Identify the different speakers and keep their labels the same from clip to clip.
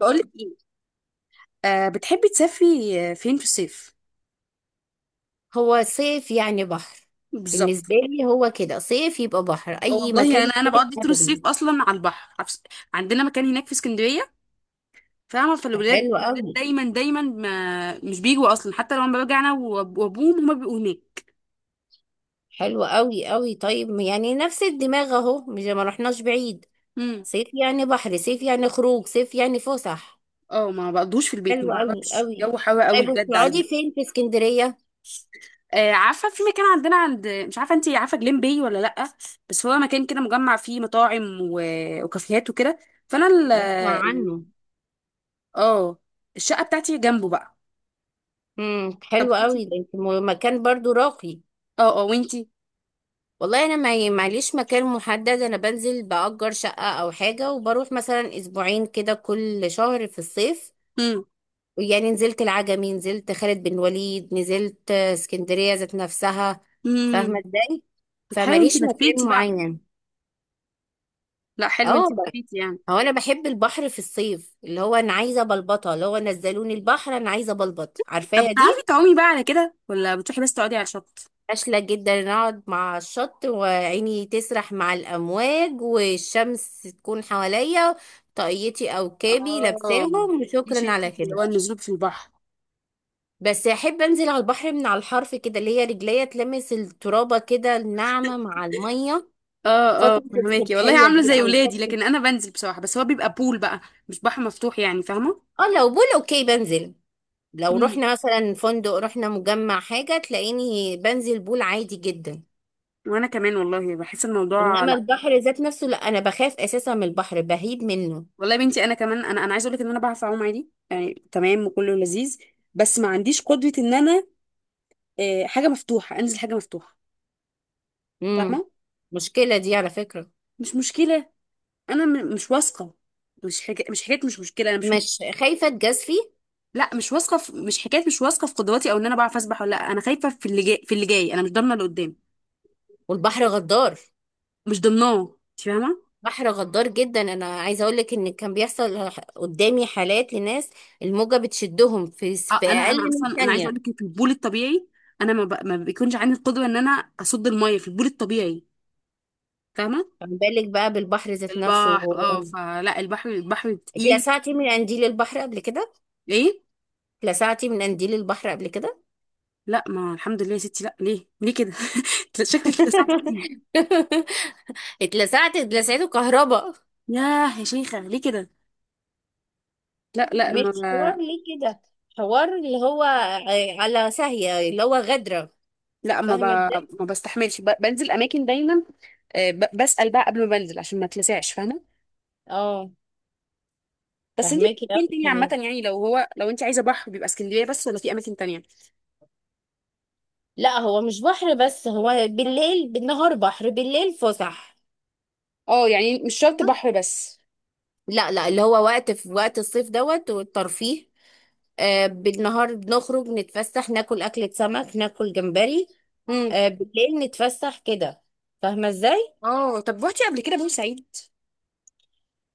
Speaker 1: بقولك ايه؟ بتحبي تسافري؟ فين في الصيف؟
Speaker 2: هو صيف، يعني بحر.
Speaker 1: بالظبط.
Speaker 2: بالنسبة لي هو كده، صيف يبقى بحر، أي
Speaker 1: والله
Speaker 2: مكان
Speaker 1: انا
Speaker 2: صيف
Speaker 1: بقضي طول
Speaker 2: أبدا.
Speaker 1: الصيف اصلا على البحر عندنا مكان هناك في اسكندريه، فاهمه.
Speaker 2: ده
Speaker 1: فالولاد
Speaker 2: حلو أوي.
Speaker 1: دايما دايما ما مش بيجوا اصلا، حتى لما برجع انا وابوهم هما بيبقوا هناك.
Speaker 2: حلو أوي أوي، طيب يعني نفس الدماغ أهو، مش ما رحناش بعيد.
Speaker 1: امم
Speaker 2: صيف يعني بحر، صيف يعني خروج، صيف يعني فسح.
Speaker 1: اه ما بقضوش في البيت، ما
Speaker 2: حلو أوي
Speaker 1: بعرفش،
Speaker 2: أوي.
Speaker 1: جو حر قوي
Speaker 2: طيب،
Speaker 1: بجد على
Speaker 2: وبتقعدي
Speaker 1: البيت.
Speaker 2: فين في اسكندرية؟
Speaker 1: آه، عارفه في مكان عندنا مش عارفه انت عارفه جليم باي ولا لا. بس هو مكان كده مجمع فيه مطاعم وكافيهات وكده. فانا
Speaker 2: بسمع
Speaker 1: ال-
Speaker 2: عنه.
Speaker 1: اه الشقه بتاعتي جنبه بقى.
Speaker 2: امم،
Speaker 1: طب
Speaker 2: حلو
Speaker 1: وانتي؟
Speaker 2: أوي ده. انت مكان برضو راقي.
Speaker 1: اه، اه، وانتي؟
Speaker 2: والله انا ما معليش مكان محدد، انا بنزل بأجر شقة او حاجة، وبروح مثلا اسبوعين كده كل شهر في الصيف.
Speaker 1: امم
Speaker 2: يعني نزلت العجمي، نزلت خالد بن وليد، نزلت اسكندرية ذات نفسها. فاهمة
Speaker 1: امم
Speaker 2: ازاي؟
Speaker 1: طب حلو، انت
Speaker 2: فماليش مكان
Speaker 1: لفيتي بقى.
Speaker 2: معين.
Speaker 1: لا حلو، انت
Speaker 2: اه
Speaker 1: لفيتي يعني.
Speaker 2: هو انا بحب البحر في الصيف، اللي هو انا عايزة بلبطة، اللي هو نزلوني البحر، انا عايزة بلبط،
Speaker 1: طب
Speaker 2: عارفاها
Speaker 1: بتعرفي
Speaker 2: دي.
Speaker 1: تعومي بقى على كده، ولا بتروحي بس تقعدي على الشط؟
Speaker 2: فاشلة جدا، نقعد مع الشط وعيني تسرح مع الأمواج والشمس تكون حواليا، طاقيتي أو كابي
Speaker 1: اه،
Speaker 2: لابساهم،
Speaker 1: مش
Speaker 2: وشكرا
Speaker 1: انت
Speaker 2: على
Speaker 1: اللي هو
Speaker 2: كده.
Speaker 1: النزول في البحر.
Speaker 2: بس أحب أنزل على البحر من على الحرف كده، اللي هي رجليا تلمس الترابة كده الناعمة مع المية.
Speaker 1: اه، اه
Speaker 2: فترة
Speaker 1: فهماكي والله،
Speaker 2: الصبحية
Speaker 1: عامله
Speaker 2: دي
Speaker 1: زي
Speaker 2: أو
Speaker 1: ولادي،
Speaker 2: فترة.
Speaker 1: لكن انا بنزل بصراحه، بس هو بيبقى بول بقى، مش بحر مفتوح، يعني فاهمه.
Speaker 2: اه، لو بول أوكي بنزل. لو
Speaker 1: امم
Speaker 2: رحنا مثلا فندق، رحنا مجمع حاجة، تلاقيني بنزل بول عادي جدا.
Speaker 1: وانا كمان والله بحس الموضوع
Speaker 2: إنما
Speaker 1: لا.
Speaker 2: البحر ذات نفسه لا، أنا بخاف أساسا من البحر، بهيب منه.
Speaker 1: والله يا بنتي انا كمان، انا انا عايزه اقول لك ان انا بعرف اعوم عادي يعني، تمام وكله لذيذ، بس ما عنديش قدره ان انا آه، حاجه مفتوحه، انزل حاجه مفتوحه،
Speaker 2: امم،
Speaker 1: فاهمه.
Speaker 2: مشكلة دي على فكرة.
Speaker 1: مش مشكله، انا مش واثقه. مش حكايه، مش مشكله، انا مش.
Speaker 2: مش خايفة اتجازفي.
Speaker 1: لا مش واثقه مش حكايه، مش واثقه في قدراتي او ان انا بعرف اسبح ولا لا. انا خايفه في اللي جاي، انا مش ضامنه اللي قدام،
Speaker 2: والبحر غدار،
Speaker 1: مش ضامناه، انت فاهمه.
Speaker 2: بحر غدار جدا. انا عايزة اقولك ان كان بيحصل قدامي حالات لناس، الموجة بتشدهم في
Speaker 1: آه،
Speaker 2: في
Speaker 1: انا انا
Speaker 2: اقل من
Speaker 1: اصلا انا عايزه اقول
Speaker 2: ثانية.
Speaker 1: لك في البول الطبيعي، انا ما, ب... ما بيكونش عندي القدره ان انا اصد الميه في البول الطبيعي، فاهمه.
Speaker 2: فما بالك بقى بالبحر ذات نفسه
Speaker 1: البحر اه، فلا البحر، البحر تقيل.
Speaker 2: اتلسعتي من قنديل البحر قبل كده؟
Speaker 1: ايه؟
Speaker 2: اتلسعتي من قنديل البحر قبل كده؟
Speaker 1: لا ما الحمد لله يا ستي، لا، ليه ليه كده؟ شكلك اتلسعت كتير.
Speaker 2: اتلسعته كهرباء.
Speaker 1: ياه يا شيخه، ليه كده؟ لا لا
Speaker 2: مش حوار
Speaker 1: ما.
Speaker 2: ليه كده، حوار اللي هو على ساهية، اللي هو غدرة.
Speaker 1: لا
Speaker 2: فاهمة ازاي؟
Speaker 1: ما بستحملش، بنزل اماكن دايما، آه، بسأل بقى قبل ما بنزل عشان ما اتلسعش، فاهمه.
Speaker 2: اه
Speaker 1: بس انت
Speaker 2: فهماكي
Speaker 1: فين
Speaker 2: قوي
Speaker 1: تاني عامه؟
Speaker 2: كمان.
Speaker 1: يعني لو هو، لو انت عايزه بحر بيبقى اسكندريه بس، ولا في اماكن تانية؟
Speaker 2: لا هو مش بحر بس، هو بالليل بالنهار، بحر بالليل فسح.
Speaker 1: اه، يعني مش شرط بحر بس.
Speaker 2: لا لا، اللي هو وقت، في وقت الصيف دوت والترفيه. آه بالنهار بنخرج نتفسح، ناكل أكلة سمك، ناكل جمبري.
Speaker 1: امم
Speaker 2: آه بالليل نتفسح كده. فاهمة ازاي؟
Speaker 1: اه طب روحتي قبل كده بورسعيد؟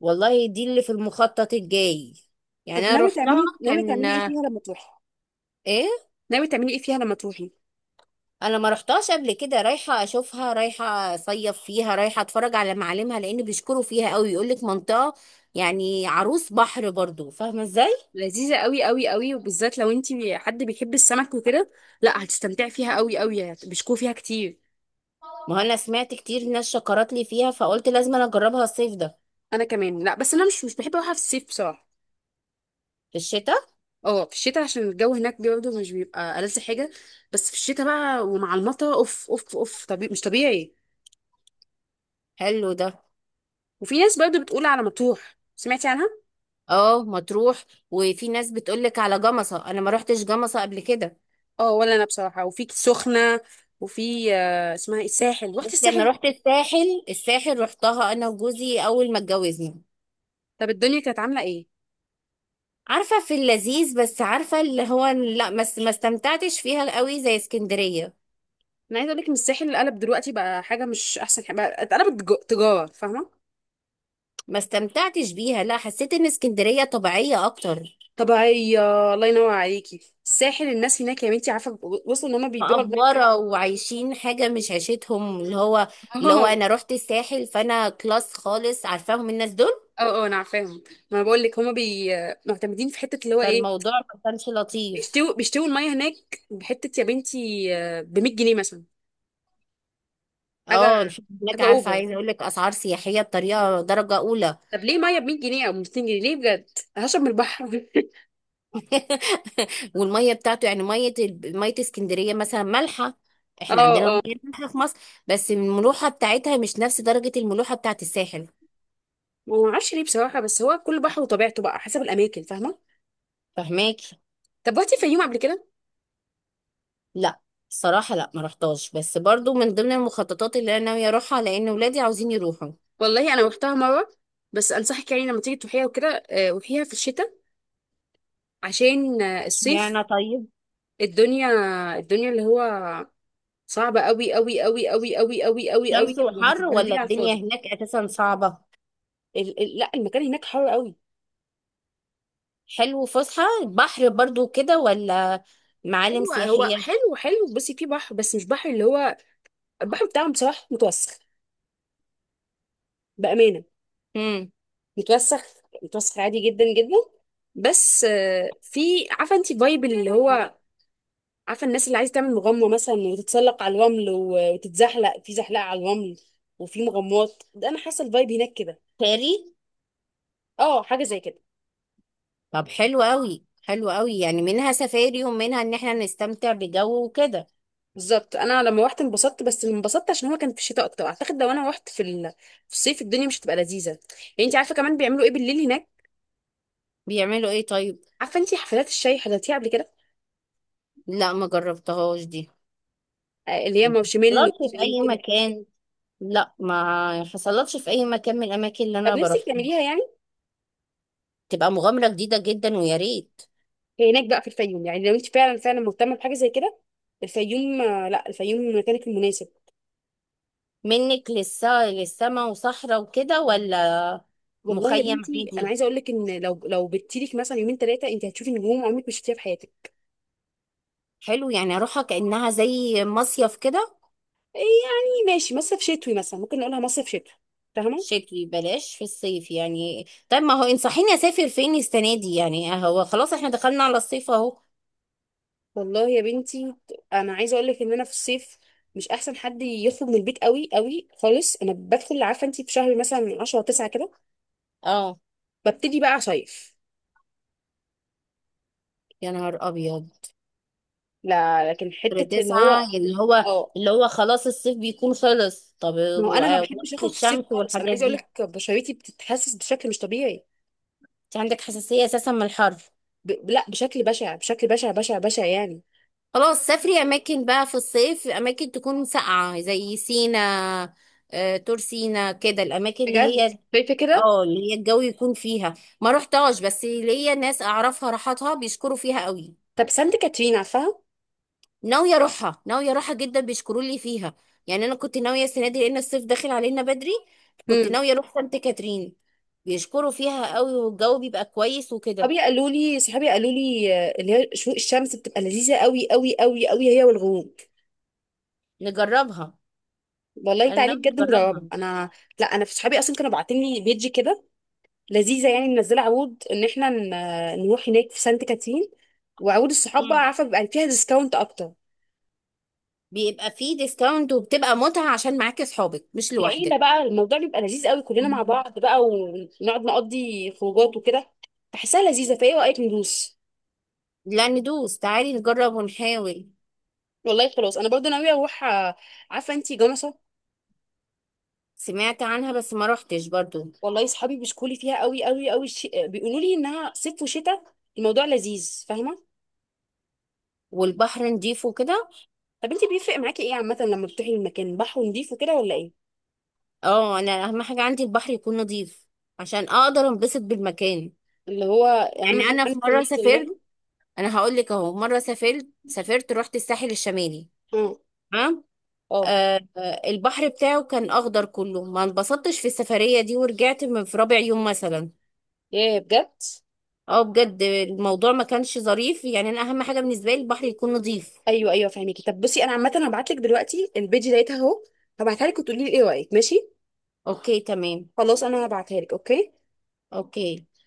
Speaker 2: والله دي اللي في المخطط الجاي.
Speaker 1: طب
Speaker 2: يعني انا
Speaker 1: ناوي
Speaker 2: روحتها
Speaker 1: تعملي، ناوي
Speaker 2: كان
Speaker 1: تعملي ايه فيها لما تروحي
Speaker 2: ايه.
Speaker 1: ناوي تعملي ايه فيها لما تروحي؟
Speaker 2: انا ما رحتهاش قبل كده، رايحه اشوفها، رايحه اصيف فيها، رايحه اتفرج على معالمها، لان بيشكروا فيها قوي، يقول لك منطقه يعني عروس بحر برضو. فاهمه ازاي؟
Speaker 1: لذيذه قوي قوي قوي، وبالذات لو انت حد بيحب السمك وكده، لا هتستمتعي فيها قوي قوي، بيشكوا فيها كتير.
Speaker 2: ما هو انا سمعت كتير ناس شكرت لي فيها، فقلت لازم انا اجربها الصيف ده.
Speaker 1: انا كمان. لا بس انا مش بحب اروحها في الصيف بصراحه.
Speaker 2: في الشتاء.
Speaker 1: اه في الشتاء، عشان الجو هناك برضه مش بيبقى ألذ حاجة، بس في الشتاء بقى ومع المطر، اوف اوف اوف، طبيعي مش طبيعي.
Speaker 2: حلو ده.
Speaker 1: وفي ناس برضه بتقول على مطروح، سمعتي عنها؟
Speaker 2: اه مطروح. وفي ناس بتقول لك على جمصه، انا ما رحتش جمصه قبل كده.
Speaker 1: اه، ولا انا بصراحة، وفي سخنة، وفي آه، اسمها ايه، الساحل، رحت
Speaker 2: بس انا
Speaker 1: الساحل؟
Speaker 2: رحت الساحل، الساحل رحتها انا وجوزي اول ما اتجوزنا.
Speaker 1: طب الدنيا كانت عاملة ايه؟
Speaker 2: عارفه في اللذيذ، بس عارفه اللي هو لا، ما استمتعتش فيها قوي زي اسكندريه.
Speaker 1: انا عايزة اقول لك ان الساحل اللي قلب دلوقتي بقى حاجة مش احسن حاجة، بقى اتقلبت تجارة، فاهمة؟
Speaker 2: ما استمتعتش بيها، لا حسيت ان اسكندرية طبيعية اكتر.
Speaker 1: طبيعية، الله ينور عليكي، الساحل الناس هناك يا بنتي، عارفة وصلوا ان هم بيبيعوا المركب.
Speaker 2: مقفورة وعايشين حاجة مش عيشتهم، اللي هو اللي هو انا رحت الساحل، فانا كلاس خالص، عارفاهم الناس دول.
Speaker 1: اه، اه، انا عارفاهم. ما انا بقول لك هما بي، معتمدين في حته اللي هو ايه،
Speaker 2: فالموضوع ما كانش لطيف.
Speaker 1: بيشتوا الميه هناك بحته يا بنتي، ب 100 جنيه مثلا. حاجه،
Speaker 2: اه الفنادق هناك،
Speaker 1: حاجه
Speaker 2: عارفة
Speaker 1: اوفر.
Speaker 2: عايزة اقول لك، اسعار سياحية بطريقة درجة اولى.
Speaker 1: طب ليه ميه ب 100 جنيه او ب 200 جنيه؟ ليه بجد؟ هشرب من البحر.
Speaker 2: والمية بتاعته، يعني مية مية اسكندرية مثلا مالحة.
Speaker 1: اه،
Speaker 2: احنا عندنا
Speaker 1: اه،
Speaker 2: المية مالحة في مصر، بس الملوحة بتاعتها مش نفس درجة الملوحة بتاعت الساحل.
Speaker 1: ما اعرفش ليه بصراحه، بس هو كل بحر وطبيعته بقى، حسب الاماكن، فاهمه.
Speaker 2: فهماكي.
Speaker 1: طب رحتي الفيوم قبل كده؟
Speaker 2: لا، الصراحة لا، ما رحتهاش، بس برضو من ضمن المخططات اللي انا ناوية اروحها، لان ولادي عاوزين يروحوا.
Speaker 1: والله انا روحتها مره، بس انصحك يعني لما تيجي تروحيها وكده آه، روحيها في الشتاء عشان آه، الصيف،
Speaker 2: اشمعنى طيب؟
Speaker 1: الدنيا، الدنيا اللي هو صعبة قوي قوي قوي قوي قوي قوي قوي قوي،
Speaker 2: شمس وحر ولا
Speaker 1: وهتتبهدلي على
Speaker 2: الدنيا
Speaker 1: الفاضي.
Speaker 2: هناك اساسا صعبة؟
Speaker 1: ال ال لا المكان هناك حر قوي.
Speaker 2: حلو، فسحة بحر برضو كده، ولا معالم
Speaker 1: ايوه، هو
Speaker 2: سياحية؟
Speaker 1: حلو حلو، بس في بحر، بس مش بحر اللي هو، البحر بتاعهم بصراحة متوسخ، بأمانة،
Speaker 2: امم،
Speaker 1: متوسخ، متوسخ عادي جدا جدا. بس آه، في، عارفة انت فايب اللي هو، عارفة الناس اللي عايزة تعمل مغامرة مثلا وتتسلق على الرمل وتتزحلق في زحلقة على الرمل، وفي مغامرات ده، انا حاسة الفايب هناك كده.
Speaker 2: فاري.
Speaker 1: اه، حاجة زي كده.
Speaker 2: طب حلو قوي، حلو قوي، يعني منها سفاري، ومنها ان احنا نستمتع بجو وكده.
Speaker 1: بالظبط، انا لما روحت انبسطت، بس انبسطت عشان هو كان في الشتاء اكتر، اعتقد لو انا روحت في في الصيف، الدنيا مش هتبقى لذيذه. يعني انت عارفه كمان بيعملوا ايه بالليل هناك؟
Speaker 2: بيعملوا ايه طيب؟
Speaker 1: عارفه انت حفلات الشاي، حضرتيها قبل كده؟
Speaker 2: لا ما جربتهاش دي.
Speaker 1: آه، اللي هي
Speaker 2: ما
Speaker 1: مارشميلو
Speaker 2: حصلتش في
Speaker 1: وشاي
Speaker 2: اي
Speaker 1: وكده.
Speaker 2: مكان. لا ما حصلتش في اي مكان من الاماكن اللي
Speaker 1: طب
Speaker 2: انا
Speaker 1: نفسك
Speaker 2: بروح.
Speaker 1: تعمليها يعني.
Speaker 2: تبقى مغامرة جديدة جدا، ويا ريت.
Speaker 1: هي هناك بقى في الفيوم، يعني لو انت فعلا فعلا مهتمه بحاجه زي كده، الفيوم آه، لا الفيوم مكانك المناسب.
Speaker 2: منك للسما وصحراء وكده، ولا
Speaker 1: والله يا
Speaker 2: مخيم
Speaker 1: بنتي انا
Speaker 2: عادي؟
Speaker 1: عايزه اقول لك ان لو لو بتيلك مثلا يومين ثلاثه، انت هتشوفي نجوم عمرك ما شفتيها في حياتك.
Speaker 2: حلو، يعني اروحها كأنها زي مصيف كده.
Speaker 1: إيه يعني ماشي، مصيف شتوي مثلا، ممكن نقولها مصيف شتوي، فاهمه.
Speaker 2: شتوي بلاش في الصيف يعني، طب ما هو انصحيني اسافر فين السنة دي يعني، هو خلاص احنا دخلنا على الصيف اهو.
Speaker 1: والله يا بنتي انا عايزه اقول لك ان انا في الصيف، مش احسن حد يخرج من البيت قوي قوي خالص. انا بدخل، عارفه انت، في شهر مثلا من 10 9 كده،
Speaker 2: اه،
Speaker 1: ببتدي بقى صيف.
Speaker 2: يا نهار ابيض.
Speaker 1: لا لكن
Speaker 2: شهر
Speaker 1: حته اللي
Speaker 2: تسعة
Speaker 1: هو
Speaker 2: اللي هو
Speaker 1: اه،
Speaker 2: اللي هو خلاص الصيف بيكون خلص. طب
Speaker 1: ما هو
Speaker 2: و-
Speaker 1: انا ما
Speaker 2: وقت
Speaker 1: بحبش اخرج في الصيف
Speaker 2: الشمس
Speaker 1: خالص. انا
Speaker 2: والحاجات
Speaker 1: عايزه اقول
Speaker 2: دي،
Speaker 1: لك بشرتي بتتحسس بشكل مش طبيعي.
Speaker 2: انت عندك حساسية اساسا من الحر.
Speaker 1: لا بشكل بشع، بشكل بشع بشع بشع يعني.
Speaker 2: خلاص، سافري اماكن بقى في الصيف، اماكن تكون ساقعه زي سينا، طور سينا كده، الاماكن اللي
Speaker 1: بجد،
Speaker 2: هي
Speaker 1: شايفه كده.
Speaker 2: اه اللي هي الجو يكون فيها. ما رحتهاش، بس ليا ناس اعرفها راحتها بيشكروا فيها قوي.
Speaker 1: طب سانت كاترين، عارفاها؟
Speaker 2: ناويه اروحها، ناويه اروحها جدا، بيشكروا لي فيها. يعني انا كنت ناويه السنه دي، لان الصيف داخل علينا بدري، كنت
Speaker 1: امم.
Speaker 2: ناويه اروح سانت كاترين. بيشكروا فيها قوي، والجو بيبقى كويس وكده.
Speaker 1: صحابي قالوا لي، آه، اللي هي شروق الشمس بتبقى لذيذه قوي قوي قوي قوي، هي والغروب.
Speaker 2: نجربها.
Speaker 1: والله
Speaker 2: انا
Speaker 1: تعالي
Speaker 2: ناويه
Speaker 1: بجد
Speaker 2: نجربها.
Speaker 1: نجربه انا. لا انا في صحابي اصلا كانوا باعتين لي بيجي كده لذيذه، يعني منزله عروض ان احنا نروح هناك في سانت كاترين، وعروض الصحاب بقى، عارفه بيبقى فيها ديسكاونت اكتر،
Speaker 2: بيبقى فيه ديسكاونت، وبتبقى متعة عشان معاكي صحابك مش
Speaker 1: العيله
Speaker 2: لوحدك.
Speaker 1: بقى الموضوع بيبقى لذيذ قوي، كلنا مع
Speaker 2: مم.
Speaker 1: بعض بقى، ونقعد نقضي خروجات وكده. بحسها لذيذه، فايه رايك ندوس؟
Speaker 2: لا، ندوس، تعالي نجرب ونحاول.
Speaker 1: والله خلاص انا برضه ناويه اروح آه، عارفه انتي جمصه.
Speaker 2: سمعت عنها، بس ما روحتش برضو.
Speaker 1: والله صحابي بيشكوا لي فيها قوي قوي قوي، بيقولوا لي انها صيف وشتاء، الموضوع لذيذ، فاهمه.
Speaker 2: والبحر نضيف وكده.
Speaker 1: طب انت بيفرق معاكي ايه عامه لما بتروحي المكان، بحر نضيف وكده ولا ايه؟
Speaker 2: اه، انا اهم حاجة عندي البحر يكون نضيف عشان اقدر انبسط بالمكان.
Speaker 1: اللي هو اهم
Speaker 2: يعني
Speaker 1: حاجه
Speaker 2: انا في
Speaker 1: عندك
Speaker 2: مرة
Speaker 1: المنظر
Speaker 2: سافرت،
Speaker 1: يعني.
Speaker 2: انا هقول لك اهو، مرة سافرت رحت الساحل الشمالي.
Speaker 1: اه،
Speaker 2: تمام.
Speaker 1: اه.
Speaker 2: البحر بتاعه كان اخضر كله، ما انبسطتش في السفرية دي، ورجعت في رابع يوم مثلا.
Speaker 1: ياه بجد.
Speaker 2: اه بجد، الموضوع ما كانش ظريف، يعني انا اهم حاجه بالنسبه لي البحر يكون نظيف.
Speaker 1: ايوه، ايوه، فاهمكي. طب بصي، انا عامه هبعت لك دلوقتي البيج ديتها اهو، هبعتها لك وتقولي لي ايه رايك، ماشي.
Speaker 2: اوكي تمام.
Speaker 1: خلاص انا هبعتها لك، اوكي.
Speaker 2: اوكي.